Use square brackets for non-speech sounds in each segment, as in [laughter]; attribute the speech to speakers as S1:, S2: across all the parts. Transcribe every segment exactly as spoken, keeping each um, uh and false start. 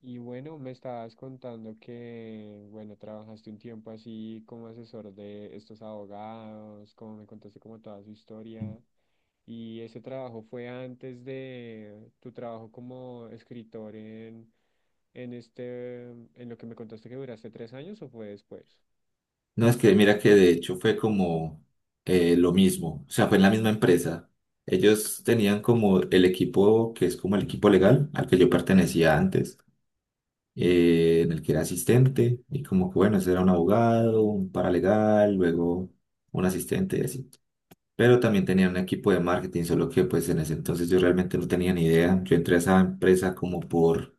S1: Y bueno, me estabas contando que, bueno, trabajaste un tiempo así como asesor de estos abogados, como me contaste como toda su historia. Y ese trabajo fue antes de tu trabajo como escritor en, en este, en lo que me contaste que duraste tres años o fue después.
S2: No, es que mira que de hecho fue como eh, lo mismo, o sea, fue en la misma empresa. Ellos tenían como el equipo que es como el equipo legal al que yo pertenecía antes, eh, en el que era asistente, y como que bueno, ese era un abogado, un paralegal, luego un asistente y así. Pero también tenían un equipo de marketing, solo que pues en ese entonces yo realmente no tenía ni idea. Yo entré a esa empresa como por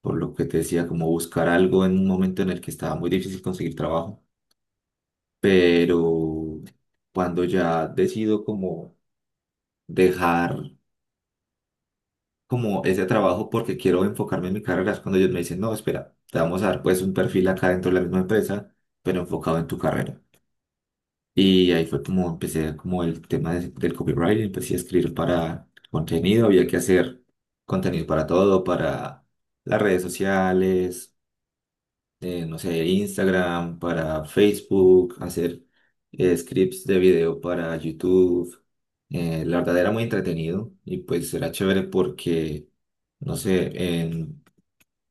S2: por lo que te decía, como buscar algo en un momento en el que estaba muy difícil conseguir trabajo, pero cuando ya decido como dejar como ese trabajo porque quiero enfocarme en mi carrera, es cuando ellos me dicen, no, espera, te vamos a dar pues un perfil acá dentro de la misma empresa, pero enfocado en tu carrera. Y ahí fue como empecé como el tema de- del copywriting, empecé a escribir para contenido, había que hacer contenido para todo, para las redes sociales, eh, no sé, Instagram, para Facebook, hacer eh, scripts de video para YouTube. Eh, la verdad era muy entretenido y pues era chévere porque, no sé, en-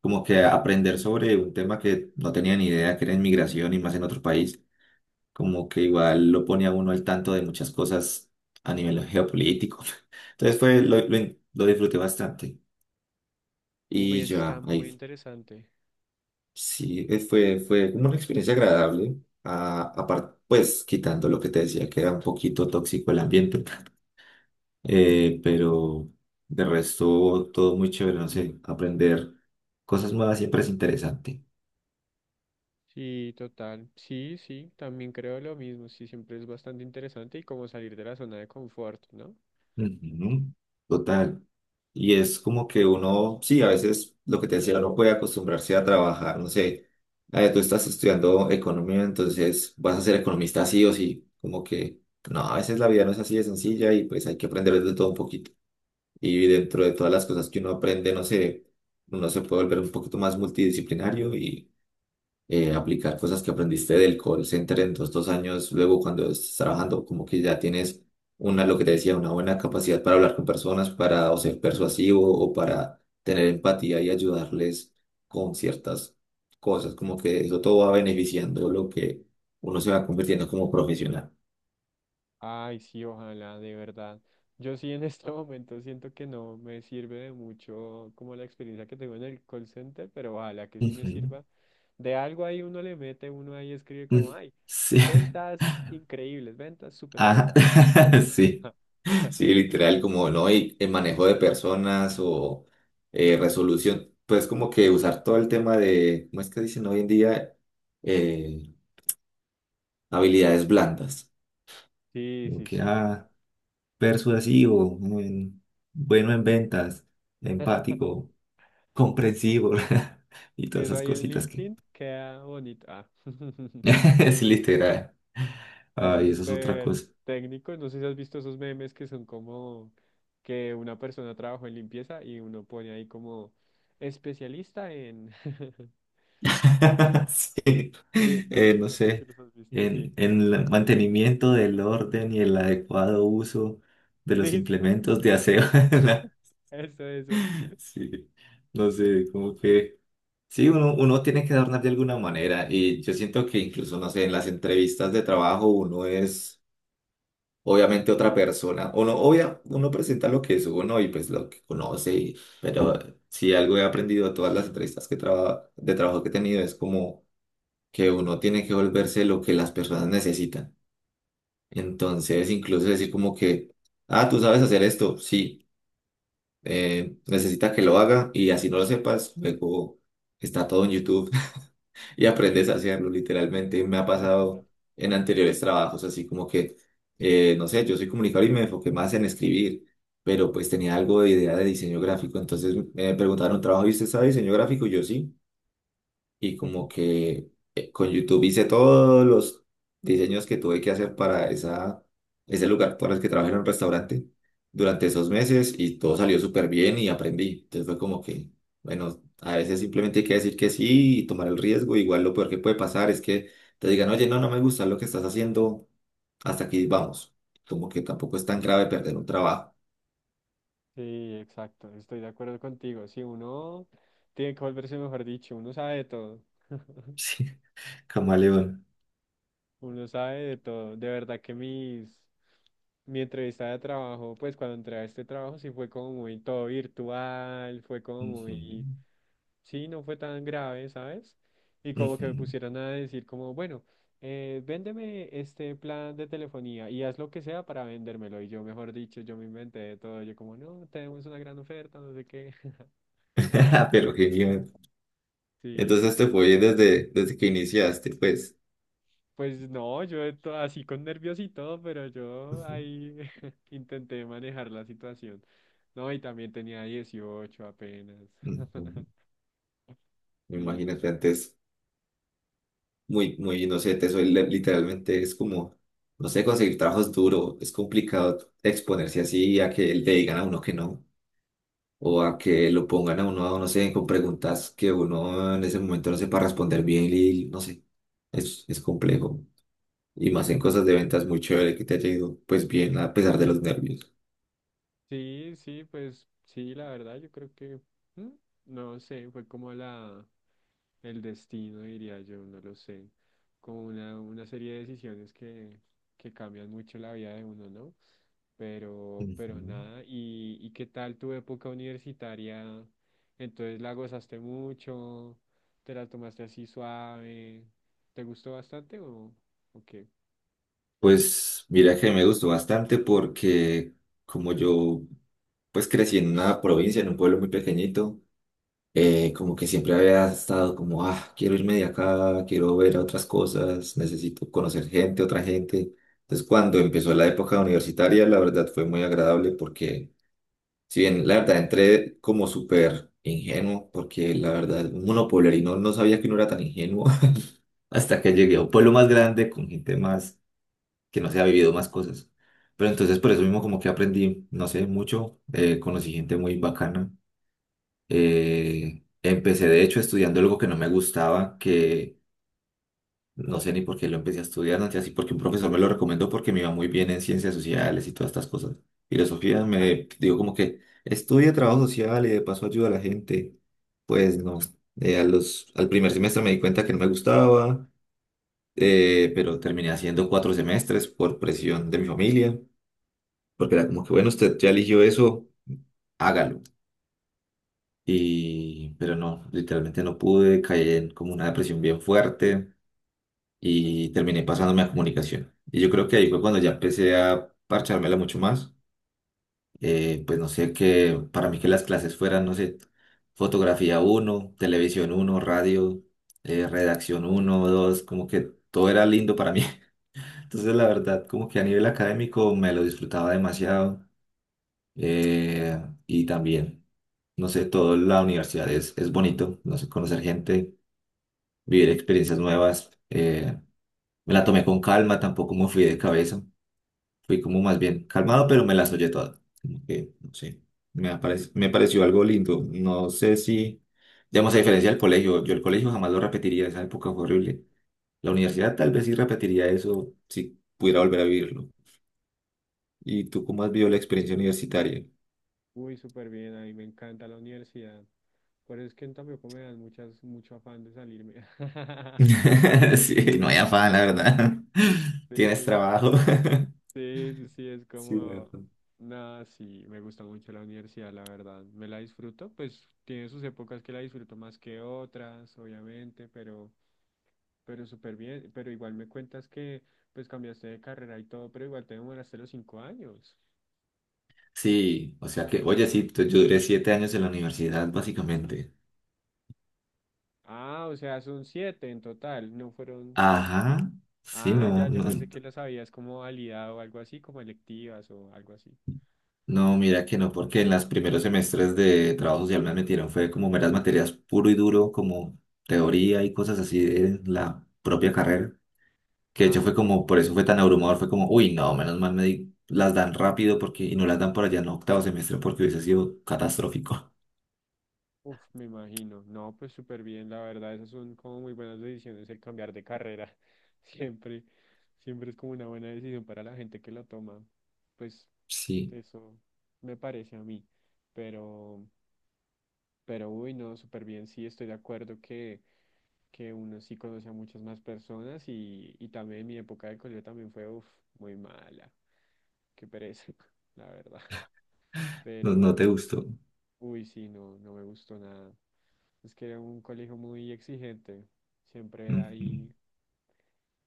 S2: como que aprender sobre un tema que no tenía ni idea, que era inmigración y más en otro país, como que igual lo pone a uno al tanto de muchas cosas a nivel geopolítico. [laughs] Entonces fue, lo, lo, lo disfruté bastante.
S1: Uy,
S2: Y
S1: eso está
S2: ya,
S1: muy
S2: ahí.
S1: interesante.
S2: Sí, eh, fue, fue como una experiencia agradable, a, apar- pues quitando lo que te decía, que era un poquito tóxico el ambiente, [laughs] eh, pero de resto todo muy chévere, no sé, aprender cosas nuevas siempre es interesante.
S1: Sí, total. Sí, sí, también creo lo mismo. Sí, siempre es bastante interesante y como salir de la zona de confort, ¿no?
S2: Ujú. Total. Y es como que uno, sí, a veces lo que te decía, uno puede acostumbrarse a trabajar, no sé, eh, tú estás estudiando economía, entonces vas a ser economista sí o sí, como que... No, a veces la vida no es así de sencilla y pues hay que aprender de todo un poquito. Y dentro de todas las cosas que uno aprende, no sé, uno se puede volver un poquito más multidisciplinario y eh, aplicar cosas que aprendiste del call center en dos, dos años. Luego, cuando estás trabajando, como que ya tienes una, lo que te decía, una buena capacidad para hablar con personas, para o ser persuasivo o para tener empatía y ayudarles con ciertas cosas. Como que eso todo va beneficiando lo que uno se va convirtiendo como profesional.
S1: Ay, sí, ojalá, de verdad. Yo sí en [laughs] este momento siento que no me sirve de mucho como la experiencia que tengo en el call center, pero ojalá que sí me
S2: Ujú.
S1: sirva. De algo ahí uno le mete, uno ahí escribe como,
S2: Mm.
S1: ay,
S2: Sí. [laughs]
S1: ventas increíbles, ventas, super
S2: Ah,
S1: ventas.
S2: [laughs] sí.
S1: [laughs]
S2: Sí, literal, como no, y el manejo de personas o eh, resolución, pues como que usar todo el tema de, ¿cómo es que dicen hoy en día? Eh, habilidades blandas.
S1: Sí,
S2: Como
S1: sí,
S2: que,
S1: sí.
S2: ah, persuasivo, mm, bueno en ventas,
S1: [laughs]
S2: empático, comprensivo [laughs] y todas
S1: Eso
S2: esas
S1: ahí en
S2: cositas que...
S1: LinkedIn queda bonito. Ah. [laughs]
S2: [laughs] Es literal.
S1: Así
S2: Ay, eso es otra
S1: súper
S2: cosa.
S1: técnico. No sé si has visto esos memes que son como que una persona trabajó en limpieza y uno pone ahí como especialista en... [laughs] Sí,
S2: [laughs] Sí.
S1: sí,
S2: eh,
S1: no,
S2: no
S1: no sé si
S2: sé,
S1: los has visto. Sí,
S2: en, en el mantenimiento del orden y el adecuado uso
S1: [laughs]
S2: de los
S1: sí, sí, sí.
S2: implementos de aseo. [laughs] en la-
S1: Eso, eso.
S2: Sí, no
S1: Gra-
S2: sé, como que... Sí, uno, uno tiene que adornar de alguna manera y yo siento que incluso, no sé, en las entrevistas de trabajo uno es obviamente otra persona. Uno, obvia, uno presenta lo que es uno y pues lo que conoce, y- pero si algo he aprendido de todas las entrevistas que traba- de trabajo que he tenido es como que uno tiene que volverse lo que las personas necesitan. Entonces, incluso decir como que, ah, tú sabes hacer esto, sí, eh, necesita que lo haga y así no lo sepas, luego está todo en YouTube [laughs] y aprendes a
S1: Sí,
S2: hacerlo, literalmente me ha
S1: literal.
S2: pasado en anteriores trabajos, así como que, eh, no sé, yo soy comunicador y me enfoqué más en escribir, pero pues tenía algo de idea de diseño gráfico, entonces me preguntaron, ¿trabajo y usted sabe diseño gráfico? Y yo sí, y como
S1: [laughs]
S2: que eh, con YouTube hice todos los diseños que tuve que hacer para esa, ese lugar, para el que trabajé en un restaurante durante esos meses y todo salió súper bien y aprendí. Entonces fue como que, bueno, a veces simplemente hay que decir que sí y tomar el riesgo. Igual lo peor que puede pasar es que te digan, oye, no, no me gusta lo que estás haciendo, hasta aquí vamos. Como que tampoco es tan grave perder un trabajo. [laughs]
S1: Sí, exacto. Estoy de acuerdo contigo. Si uno tiene que volverse, mejor dicho, uno sabe de todo. [laughs]
S2: Sí, camaleón.
S1: Uno sabe de todo. De verdad que mis, mi entrevista de trabajo, pues cuando entré a este trabajo sí fue como muy todo virtual, fue como
S2: Ujú,
S1: muy, sí, no fue tan grave, ¿sabes? Y como que me
S2: ujú.
S1: pusieron a decir como, bueno, eh, véndeme este plan de telefonía y haz lo que sea para vendérmelo. Y yo, mejor dicho, yo me inventé de todo. Yo como, no, tenemos una gran oferta, no sé qué. [laughs]
S2: [laughs] Pero genial.
S1: Sí,
S2: Entonces
S1: sí,
S2: te fue bien desde, desde que iniciaste, pues.
S1: pues no, yo to- así con nervios y todo, pero yo
S2: Ujú,
S1: ahí [laughs] intenté manejar la situación. No, y también tenía dieciocho apenas. [laughs]
S2: ujú.
S1: Sí,
S2: Imagínate, antes muy, muy inocente, soy li- literalmente es como, no sé, conseguir trabajos duro, es complicado exponerse así a que le digan a uno que no, o a que
S1: sí,
S2: lo pongan a uno, no sé, con preguntas que uno en ese momento no sepa responder bien y no sé, es, es complejo. Y más en cosas de ventas, muy chévere que te haya ido pues bien a pesar de los nervios.
S1: sí, sí, pues sí, la verdad, yo creo que, mm, no sé, fue como la... El destino, diría yo, no lo sé, como una, una, serie de decisiones que, que cambian mucho la vida de uno, ¿no? Pero, pero
S2: Ujú.
S1: nada, ¿y, y qué tal tu época universitaria? Entonces la gozaste mucho, te la tomaste así suave, ¿te gustó bastante o, o qué?
S2: Pues mira que me gustó bastante porque como yo pues crecí en una provincia, en un pueblo muy pequeñito, eh, como que siempre había estado como, ah, quiero irme de acá, quiero ver otras cosas, necesito conocer gente, otra gente. Entonces, cuando empezó la época universitaria, la verdad fue muy agradable porque, si bien la verdad entré como súper ingenuo, porque la verdad, un monopolerino no sabía que no era tan ingenuo [laughs] hasta que llegué a un pueblo más grande con gente más que no se ha vivido más cosas. Pero entonces por eso mismo como que aprendí, no sé, mucho, eh, conocí gente muy bacana. Eh, empecé de hecho estudiando algo que no me gustaba, que no sé ni por qué lo empecé a estudiar, no sé, así porque un profesor me lo recomendó porque me iba muy bien en ciencias sociales y todas estas cosas. Filosofía me digo como que estudia trabajo social y de paso ayuda a la gente. Pues no, eh, a los, al primer semestre me di cuenta que no me gustaba, eh, pero terminé haciendo cuatro semestres por presión de mi familia, porque era como que bueno, usted ya eligió eso, hágalo. Y, pero no, literalmente no pude, caí en como una depresión bien fuerte y terminé pasándome a comunicación. Y yo creo que ahí fue cuando ya empecé a parchármela mucho más. Eh, pues no sé, que para mí que las clases fueran, no sé, fotografía uno televisión uno radio, eh, redacción uno dos como que todo era lindo para mí. [laughs] Entonces la verdad, como que a nivel académico me lo disfrutaba demasiado. eh, y también, no sé, toda la universidad es, es bonito, no sé, conocer gente, vivir experiencias nuevas. Eh, me la tomé con calma, tampoco me fui de cabeza, fui como más bien calmado, pero me las oye todas. Como que, no sé, me, apare- me pareció algo lindo. No sé si, digamos, a diferencia del colegio, yo el colegio jamás lo repetiría, esa época fue horrible. La universidad tal vez sí repetiría eso si pudiera volver a vivirlo. ¿Y tú cómo has vivido la experiencia universitaria?
S1: Uy, súper bien, a mí me encanta la universidad. Por eso es que tampoco me dan muchas, mucho afán de salirme. [laughs]
S2: [laughs] Sí, no hay afán, la verdad. [laughs]
S1: Sí,
S2: Tienes trabajo. [laughs]
S1: sí, sí, sí, es
S2: Sí, la
S1: como,
S2: verdad.
S1: nada, sí, me gusta mucho la universidad, la verdad, me la disfruto, pues tiene sus épocas que la disfruto más que otras, obviamente, pero, pero súper bien, pero igual me cuentas que, pues cambiaste de carrera y todo, pero igual te demoraste los cinco años.
S2: Sí, o sea que, oye, sí, tú- yo duré siete años en la universidad, básicamente.
S1: Ah, o sea, son siete en total, no fueron,
S2: Ajá, sí,
S1: ah,
S2: no,
S1: ya, yo
S2: no,
S1: pensé que las habías como validado o algo así, como electivas o algo así.
S2: no, mira que no, porque en los primeros semestres de trabajo social me metieron, fue como meras materias puro y duro, como teoría y cosas así de la propia carrera, que de hecho fue
S1: Ah.
S2: como, por eso fue tan abrumador, fue como, uy, no, menos mal me di- las dan rápido porque, y no las dan por allá en octavo semestre porque hubiese sido catastrófico.
S1: Uf, me imagino. No, pues súper bien, la verdad, esas son como muy buenas decisiones el cambiar de carrera. [laughs] Siempre, siempre es como una buena decisión para la gente que la toma. Pues
S2: Sí,
S1: eso me parece a mí. Pero, pero uy, no, súper bien. Sí, estoy de acuerdo que, que uno sí conoce a muchas más personas y, y también mi época de colegio también fue, uf, muy mala. Qué pereza, [laughs] la verdad.
S2: no, no
S1: Pero,
S2: te gustó.
S1: uy, sí, no, no me gustó nada. Es que era un colegio muy exigente. Siempre era
S2: Ujú.
S1: ahí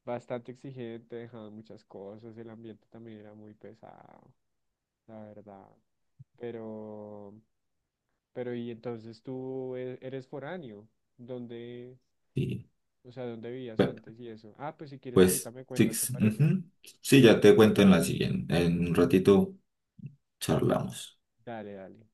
S1: bastante exigente, dejaban muchas cosas. El ambiente también era muy pesado, la verdad. Pero, pero y entonces tú e- eres foráneo. ¿Dónde,
S2: Sí.
S1: o sea, dónde vivías
S2: Bueno,
S1: antes y eso? Ah, pues si quieres ahorita
S2: pues,
S1: me
S2: sí,
S1: cuentas, ¿te
S2: sí,
S1: parece?
S2: ujú. Sí, ya te cuento en la siguiente. En un ratito charlamos.
S1: Dale, dale.